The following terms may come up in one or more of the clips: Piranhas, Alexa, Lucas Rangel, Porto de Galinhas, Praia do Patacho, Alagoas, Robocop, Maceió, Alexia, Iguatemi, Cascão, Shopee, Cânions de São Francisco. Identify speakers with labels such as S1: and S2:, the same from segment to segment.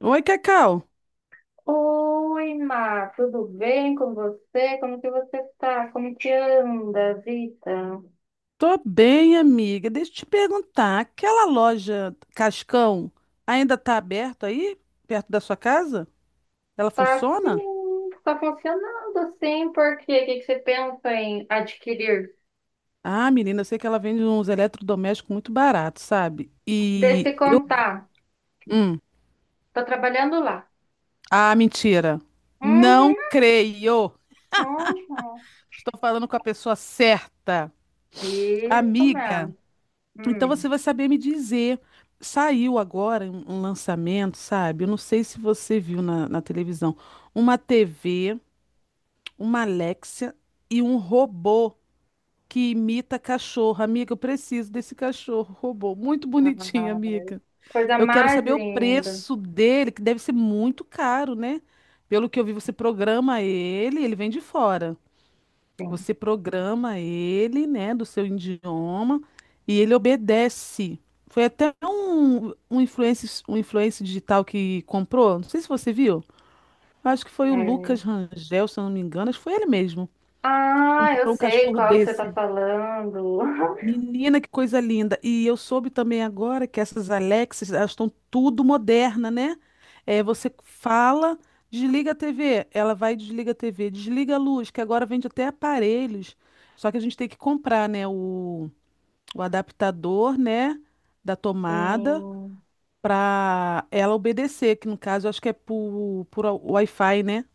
S1: Oi, Cacau.
S2: Oi, Má, tudo bem com você? Como que você tá? Como que anda a...
S1: Tô bem, amiga. Deixa eu te perguntar, aquela loja Cascão ainda tá aberta aí, perto da sua casa? Ela
S2: Tá
S1: funciona?
S2: sim, tá funcionando assim, porque o que que você pensa em adquirir?
S1: Ah, menina, eu sei que ela vende uns eletrodomésticos muito baratos, sabe?
S2: Deixa eu
S1: E
S2: te
S1: eu...
S2: contar,
S1: Hum.
S2: tô trabalhando lá.
S1: Ah, mentira. Não
S2: Uhum,
S1: creio.
S2: uhum.
S1: Estou falando com a pessoa certa.
S2: Isso
S1: Amiga,
S2: mesmo.
S1: então
S2: Hum.
S1: você vai saber me dizer. Saiu agora um lançamento, sabe? Eu não sei se você viu na televisão uma TV, uma Alexia e um robô que imita cachorro. Amiga, eu preciso desse cachorro, robô. Muito
S2: Ah,
S1: bonitinho, amiga.
S2: coisa
S1: Eu quero
S2: mais
S1: saber o
S2: linda,
S1: preço dele, que deve ser muito caro, né? Pelo que eu vi, você programa ele, ele vem de fora.
S2: sim.
S1: Você programa ele, né, do seu idioma, e ele obedece. Foi até um influencer, um influencer digital que comprou, não sei se você viu. Eu acho que foi o
S2: É.
S1: Lucas Rangel, se eu não me engano, acho que foi ele mesmo
S2: Ah, eu
S1: comprou um
S2: sei
S1: cachorro
S2: qual que você tá
S1: desse.
S2: falando.
S1: Menina, que coisa linda. E eu soube também agora que essas Alexas, elas estão tudo moderna, né? É, você fala, desliga a TV, ela vai e desliga a TV, desliga a luz, que agora vende até aparelhos. Só que a gente tem que comprar, né, o adaptador, né, da tomada
S2: Sim,
S1: para ela obedecer, que no caso eu acho que é por Wi-Fi, né?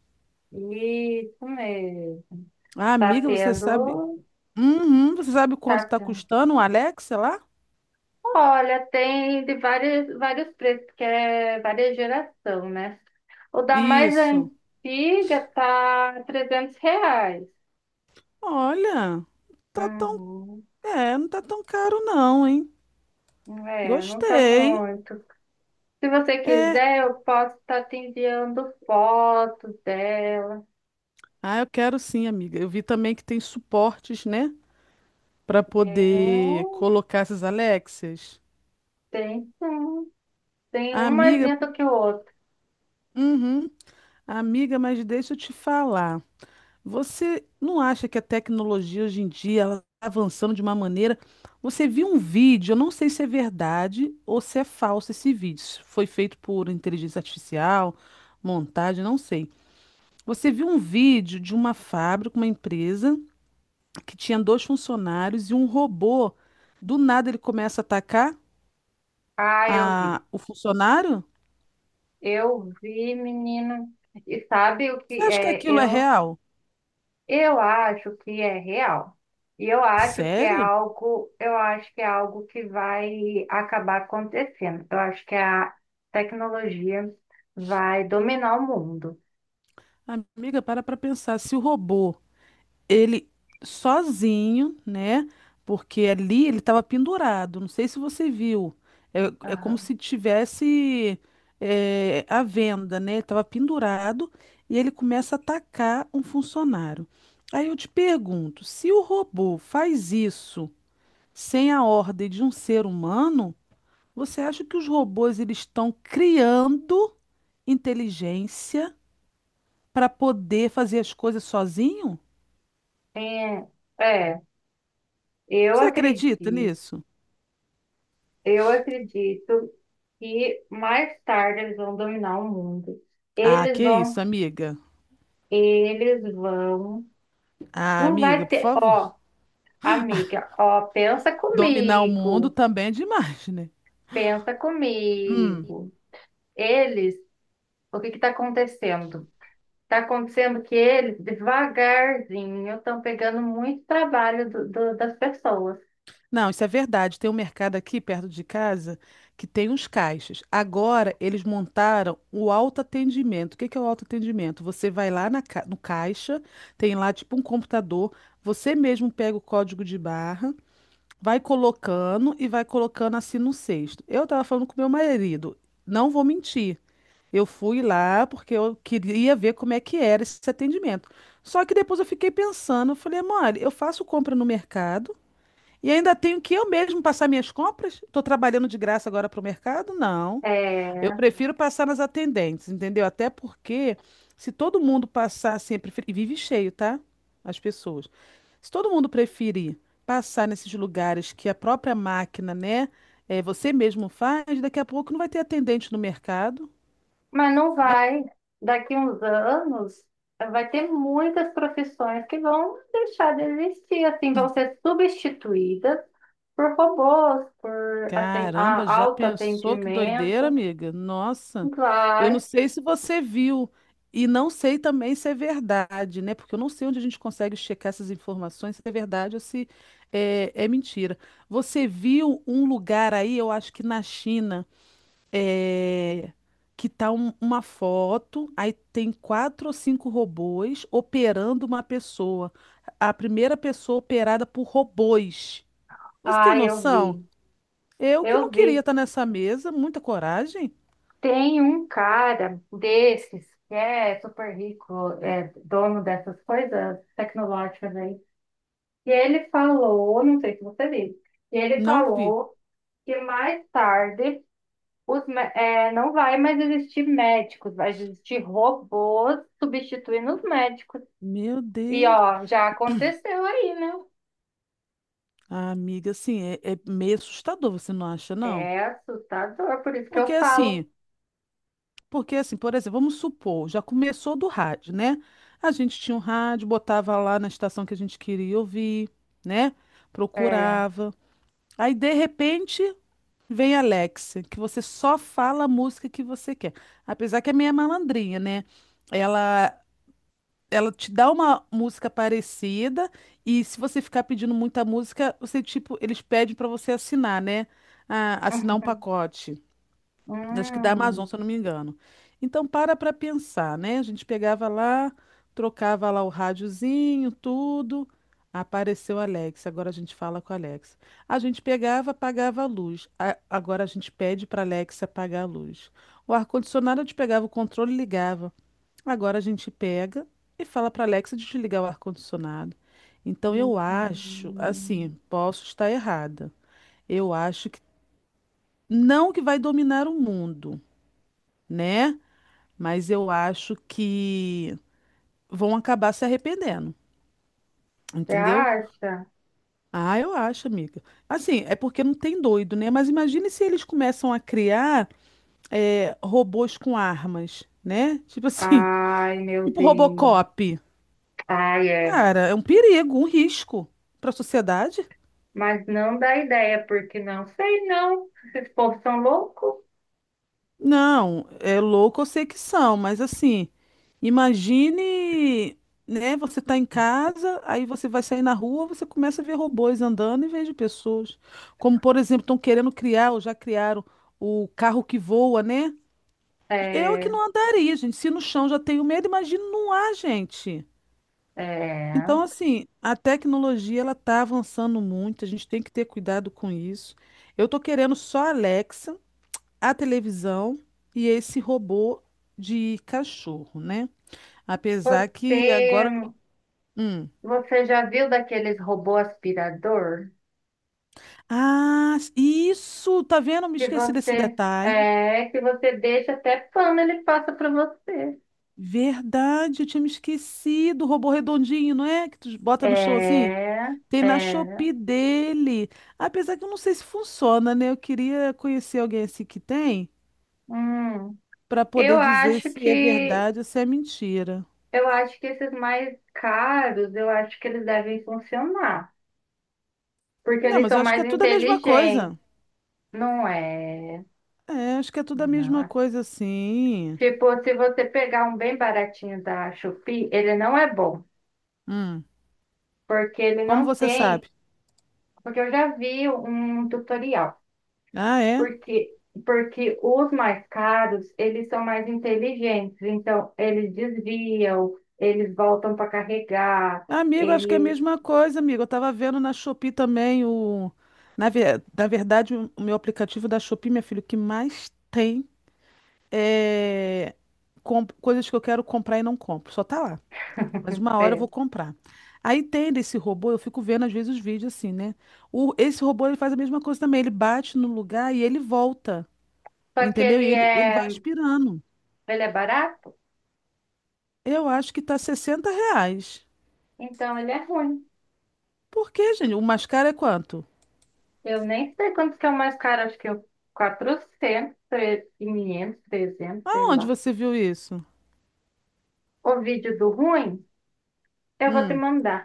S2: isso mesmo.
S1: Ah,
S2: Tá
S1: amiga, você sabe,
S2: tendo,
S1: uhum, você sabe quanto
S2: tá
S1: está
S2: tendo.
S1: custando um Alexa lá?
S2: Olha, tem de vários preços, que é várias geração, né? O da mais
S1: Isso.
S2: antiga tá R$ 300.
S1: Olha, tá tão,
S2: Uhum.
S1: é, não tá tão caro não, hein?
S2: É, não tá
S1: Gostei.
S2: muito. Se você
S1: É,
S2: quiser, eu posso estar te enviando fotos dela.
S1: ah, eu quero sim, amiga. Eu vi também que tem suportes, né, pra poder
S2: Tem,
S1: colocar essas Alexias.
S2: tem sim. Tem um mais
S1: Amiga,
S2: lindo que o outro.
S1: uhum. Amiga, mas deixa eu te falar. Você não acha que a tecnologia hoje em dia ela tá avançando de uma maneira? Você viu um vídeo, eu não sei se é verdade ou se é falso esse vídeo. Se foi feito por inteligência artificial, montagem, não sei. Você viu um vídeo de uma fábrica, uma empresa, que tinha dois funcionários e um robô. Do nada ele começa a atacar
S2: Ah, eu vi.
S1: o funcionário?
S2: Eu vi, menino. E sabe o
S1: Você
S2: que
S1: acha que
S2: é?
S1: aquilo é
S2: Eu...
S1: real?
S2: eu acho que é real. E eu acho que é
S1: Sério?
S2: algo, eu acho que é algo que vai acabar acontecendo. Eu acho que a tecnologia vai dominar o mundo.
S1: Amiga, para pensar. Se o robô ele sozinho, né? Porque ali ele estava pendurado. Não sei se você viu. É, é como
S2: Aham.
S1: se tivesse é, a venda, né? Ele estava pendurado e ele começa a atacar um funcionário. Aí eu te pergunto, se o robô faz isso sem a ordem de um ser humano, você acha que os robôs eles estão criando inteligência para poder fazer as coisas sozinho?
S2: É, é, eu
S1: Você acredita
S2: acredito,
S1: nisso?
S2: eu acredito que mais tarde eles vão dominar o mundo.
S1: Ah,
S2: Eles
S1: que isso,
S2: vão,
S1: amiga.
S2: eles vão.
S1: Ah,
S2: Não
S1: amiga,
S2: vai
S1: por
S2: ter, ó,
S1: favor.
S2: amiga, ó, pensa
S1: Dominar o mundo
S2: comigo,
S1: também é demais, né?
S2: pensa comigo. Eles, o que que está acontecendo? Está acontecendo que eles, devagarzinho, estão pegando muito trabalho das pessoas.
S1: Não, isso é verdade. Tem um mercado aqui perto de casa que tem uns caixas. Agora eles montaram o autoatendimento. O que que é o autoatendimento? Você vai lá no caixa, tem lá tipo um computador, você mesmo pega o código de barra, vai colocando e vai colocando assim no cesto. Eu tava falando com meu marido, não vou mentir. Eu fui lá porque eu queria ver como é que era esse atendimento. Só que depois eu fiquei pensando, eu falei, mole, eu faço compra no mercado e ainda tenho que eu mesmo passar minhas compras? Estou trabalhando de graça agora para o mercado? Não. Eu
S2: É,
S1: prefiro passar nas atendentes, entendeu? Até porque se todo mundo passar sempre, e vive cheio, tá? As pessoas. Se todo mundo preferir passar nesses lugares que a própria máquina, né, é, você mesmo faz, daqui a pouco não vai ter atendente no mercado.
S2: mas não
S1: Né?
S2: vai, daqui uns anos, vai ter muitas profissões que vão deixar de existir, assim, vão ser substituídas por robôs, por
S1: Caramba, já pensou que doideira,
S2: autoatendimento.
S1: amiga? Nossa, eu não
S2: Vai.
S1: sei se você viu e não sei também se é verdade, né? Porque eu não sei onde a gente consegue checar essas informações, se é verdade ou se é mentira. Você viu um lugar aí, eu acho que na China, é, que tá uma foto, aí tem quatro ou cinco robôs operando uma pessoa. A primeira pessoa operada por robôs. Você tem
S2: Ai, eu
S1: noção?
S2: vi.
S1: Eu que não
S2: Eu
S1: queria
S2: vi.
S1: estar nessa mesa, muita coragem,
S2: Tem um cara desses que é super rico, é dono dessas coisas tecnológicas aí. E ele falou, não sei se você viu, e ele
S1: não vi.
S2: falou que mais tarde não vai mais existir médicos, vai existir robôs substituindo os médicos.
S1: Meu
S2: E
S1: Deus.
S2: ó, já aconteceu aí, né?
S1: Ah, amiga, assim, é, é meio assustador, você não acha, não?
S2: É assustador, por isso que eu
S1: Porque
S2: falo.
S1: assim, porque assim, por exemplo, vamos supor, já começou do rádio, né? A gente tinha um rádio, botava lá na estação que a gente queria ouvir, né?
S2: É.
S1: Procurava. Aí, de repente, vem a Alexa, que você só fala a música que você quer. Apesar que é meio malandrinha, né? Ela ela te dá uma música parecida e se você ficar pedindo muita música, você tipo, eles pedem para você assinar, né? Ah, assinar um pacote. Acho que da Amazon,
S2: Hum,
S1: se eu não me engano. Então para pensar, né? A gente pegava lá, trocava lá o rádiozinho, tudo. Apareceu a Alexa, agora a gente fala com a Alexa. A gente pegava, apagava a luz. Agora a gente pede para a Alexa apagar a luz. O ar-condicionado a gente pegava o controle e ligava. Agora a gente pega e fala para Alexa desligar o ar-condicionado. Então eu acho, assim,
S2: hum.
S1: posso estar errada. Eu acho que não que vai dominar o mundo, né? Mas eu acho que vão acabar se arrependendo,
S2: Você
S1: entendeu?
S2: acha?
S1: Ah, eu acho, amiga. Assim, é porque não tem doido, né? Mas imagine se eles começam a criar é, robôs com armas, né? Tipo assim,
S2: Ai, meu
S1: tipo
S2: Deus.
S1: Robocop.
S2: Ai, é.
S1: Cara, é um perigo, um risco para a sociedade.
S2: Mas não dá ideia, porque não sei, não. Esses povos são loucos.
S1: Não, é louco, eu sei que são, mas assim, imagine, né, você tá em casa, aí você vai sair na rua, você começa a ver robôs andando em vez de pessoas. Como, por exemplo, estão querendo criar, ou já criaram o carro que voa, né? Eu que
S2: É,
S1: não andaria, gente. Se no chão já tenho medo, imagina no ar, gente.
S2: é.
S1: Então, assim, a tecnologia ela tá avançando muito, a gente tem que ter cuidado com isso. Eu tô querendo só a Alexa, a televisão e esse robô de cachorro, né? Apesar que
S2: Você,
S1: agora. Hum.
S2: você já viu daqueles robô aspirador?
S1: Ah, isso! Tá vendo? Me
S2: Que
S1: esqueci desse
S2: você,
S1: detalhe.
S2: é, que você deixa até pano, ele passa para você.
S1: Verdade, eu tinha me esquecido. O robô redondinho, não é? Que tu bota
S2: É,
S1: no chão assim? Tem na
S2: é.
S1: Shopee dele. Apesar que eu não sei se funciona, né? Eu queria conhecer alguém assim que tem,
S2: Hum.
S1: para
S2: Eu
S1: poder dizer
S2: acho
S1: se é
S2: que,
S1: verdade ou se é mentira.
S2: eu acho que esses mais caros, eu acho que eles devem funcionar. Porque
S1: Não,
S2: eles
S1: mas
S2: são
S1: eu acho que
S2: mais
S1: é tudo a mesma
S2: inteligentes,
S1: coisa.
S2: não é?
S1: É, acho que é tudo a mesma
S2: Nossa.
S1: coisa, assim.
S2: Tipo, se você pegar um bem baratinho da Shopee, ele não é bom,
S1: Hum,
S2: porque ele
S1: como
S2: não
S1: você
S2: tem,
S1: sabe?
S2: porque eu já vi um tutorial,
S1: Ah, é?
S2: porque os mais caros, eles são mais inteligentes, então eles desviam, eles voltam para carregar,
S1: Amigo, acho que é a
S2: eles...
S1: mesma coisa, amigo. Eu tava vendo na Shopee também o. Na verdade, o meu aplicativo da Shopee, meu filho, o que mais tem é coisas que eu quero comprar e não compro. Só tá lá. Mas uma hora eu
S2: é.
S1: vou comprar. Aí tem desse robô, eu fico vendo às vezes os vídeos assim, né? O, esse robô ele faz a mesma coisa também. Ele bate no lugar e ele volta.
S2: Só que
S1: Entendeu? E ele vai aspirando.
S2: ele é barato,
S1: Eu acho que tá R$ 60.
S2: então ele é ruim.
S1: Por quê, gente? O mascara é quanto?
S2: Eu nem sei quantos que é o mais caro, acho que é o 400, 500, 300, sei
S1: Aonde
S2: lá.
S1: você viu isso?
S2: O vídeo do ruim, eu vou te
S1: Hum,
S2: mandar.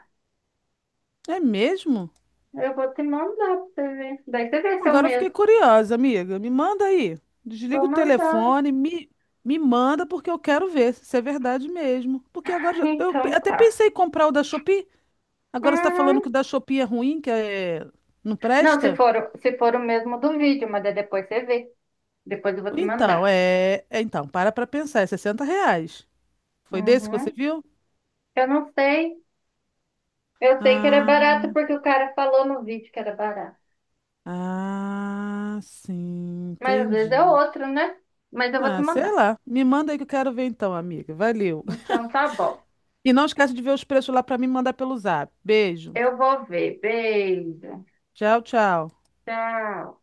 S1: é mesmo?
S2: Eu vou te mandar pra você ver. Daí você vê se é o
S1: Agora eu fiquei
S2: mesmo.
S1: curiosa, amiga. Me manda aí.
S2: Vou
S1: Desliga o
S2: mandar.
S1: telefone, me manda porque eu quero ver se isso é verdade mesmo. Porque agora eu
S2: Então
S1: até
S2: tá.
S1: pensei em comprar o da Shopee. Agora você está falando que o
S2: Uhum.
S1: da Shopee é ruim, que é... não
S2: Não, se
S1: presta?
S2: for, se for o mesmo do vídeo, mas daí depois você vê. Depois eu vou te
S1: Então,
S2: mandar.
S1: então, para pra pensar. É R$ reais. Foi desse que você
S2: Uhum.
S1: viu?
S2: Eu não sei. Eu sei que era
S1: Ah,
S2: barato porque o cara falou no vídeo que era barato.
S1: ah, sim,
S2: Mas às vezes é
S1: entendi.
S2: outro, né? Mas eu vou te
S1: Ah, sei
S2: mandar.
S1: lá. Me manda aí que eu quero ver então, amiga. Valeu.
S2: Então tá bom.
S1: E não esquece de ver os preços lá pra mim e mandar pelo zap. Beijo.
S2: Eu vou ver. Beijo.
S1: Tchau, tchau.
S2: Tchau.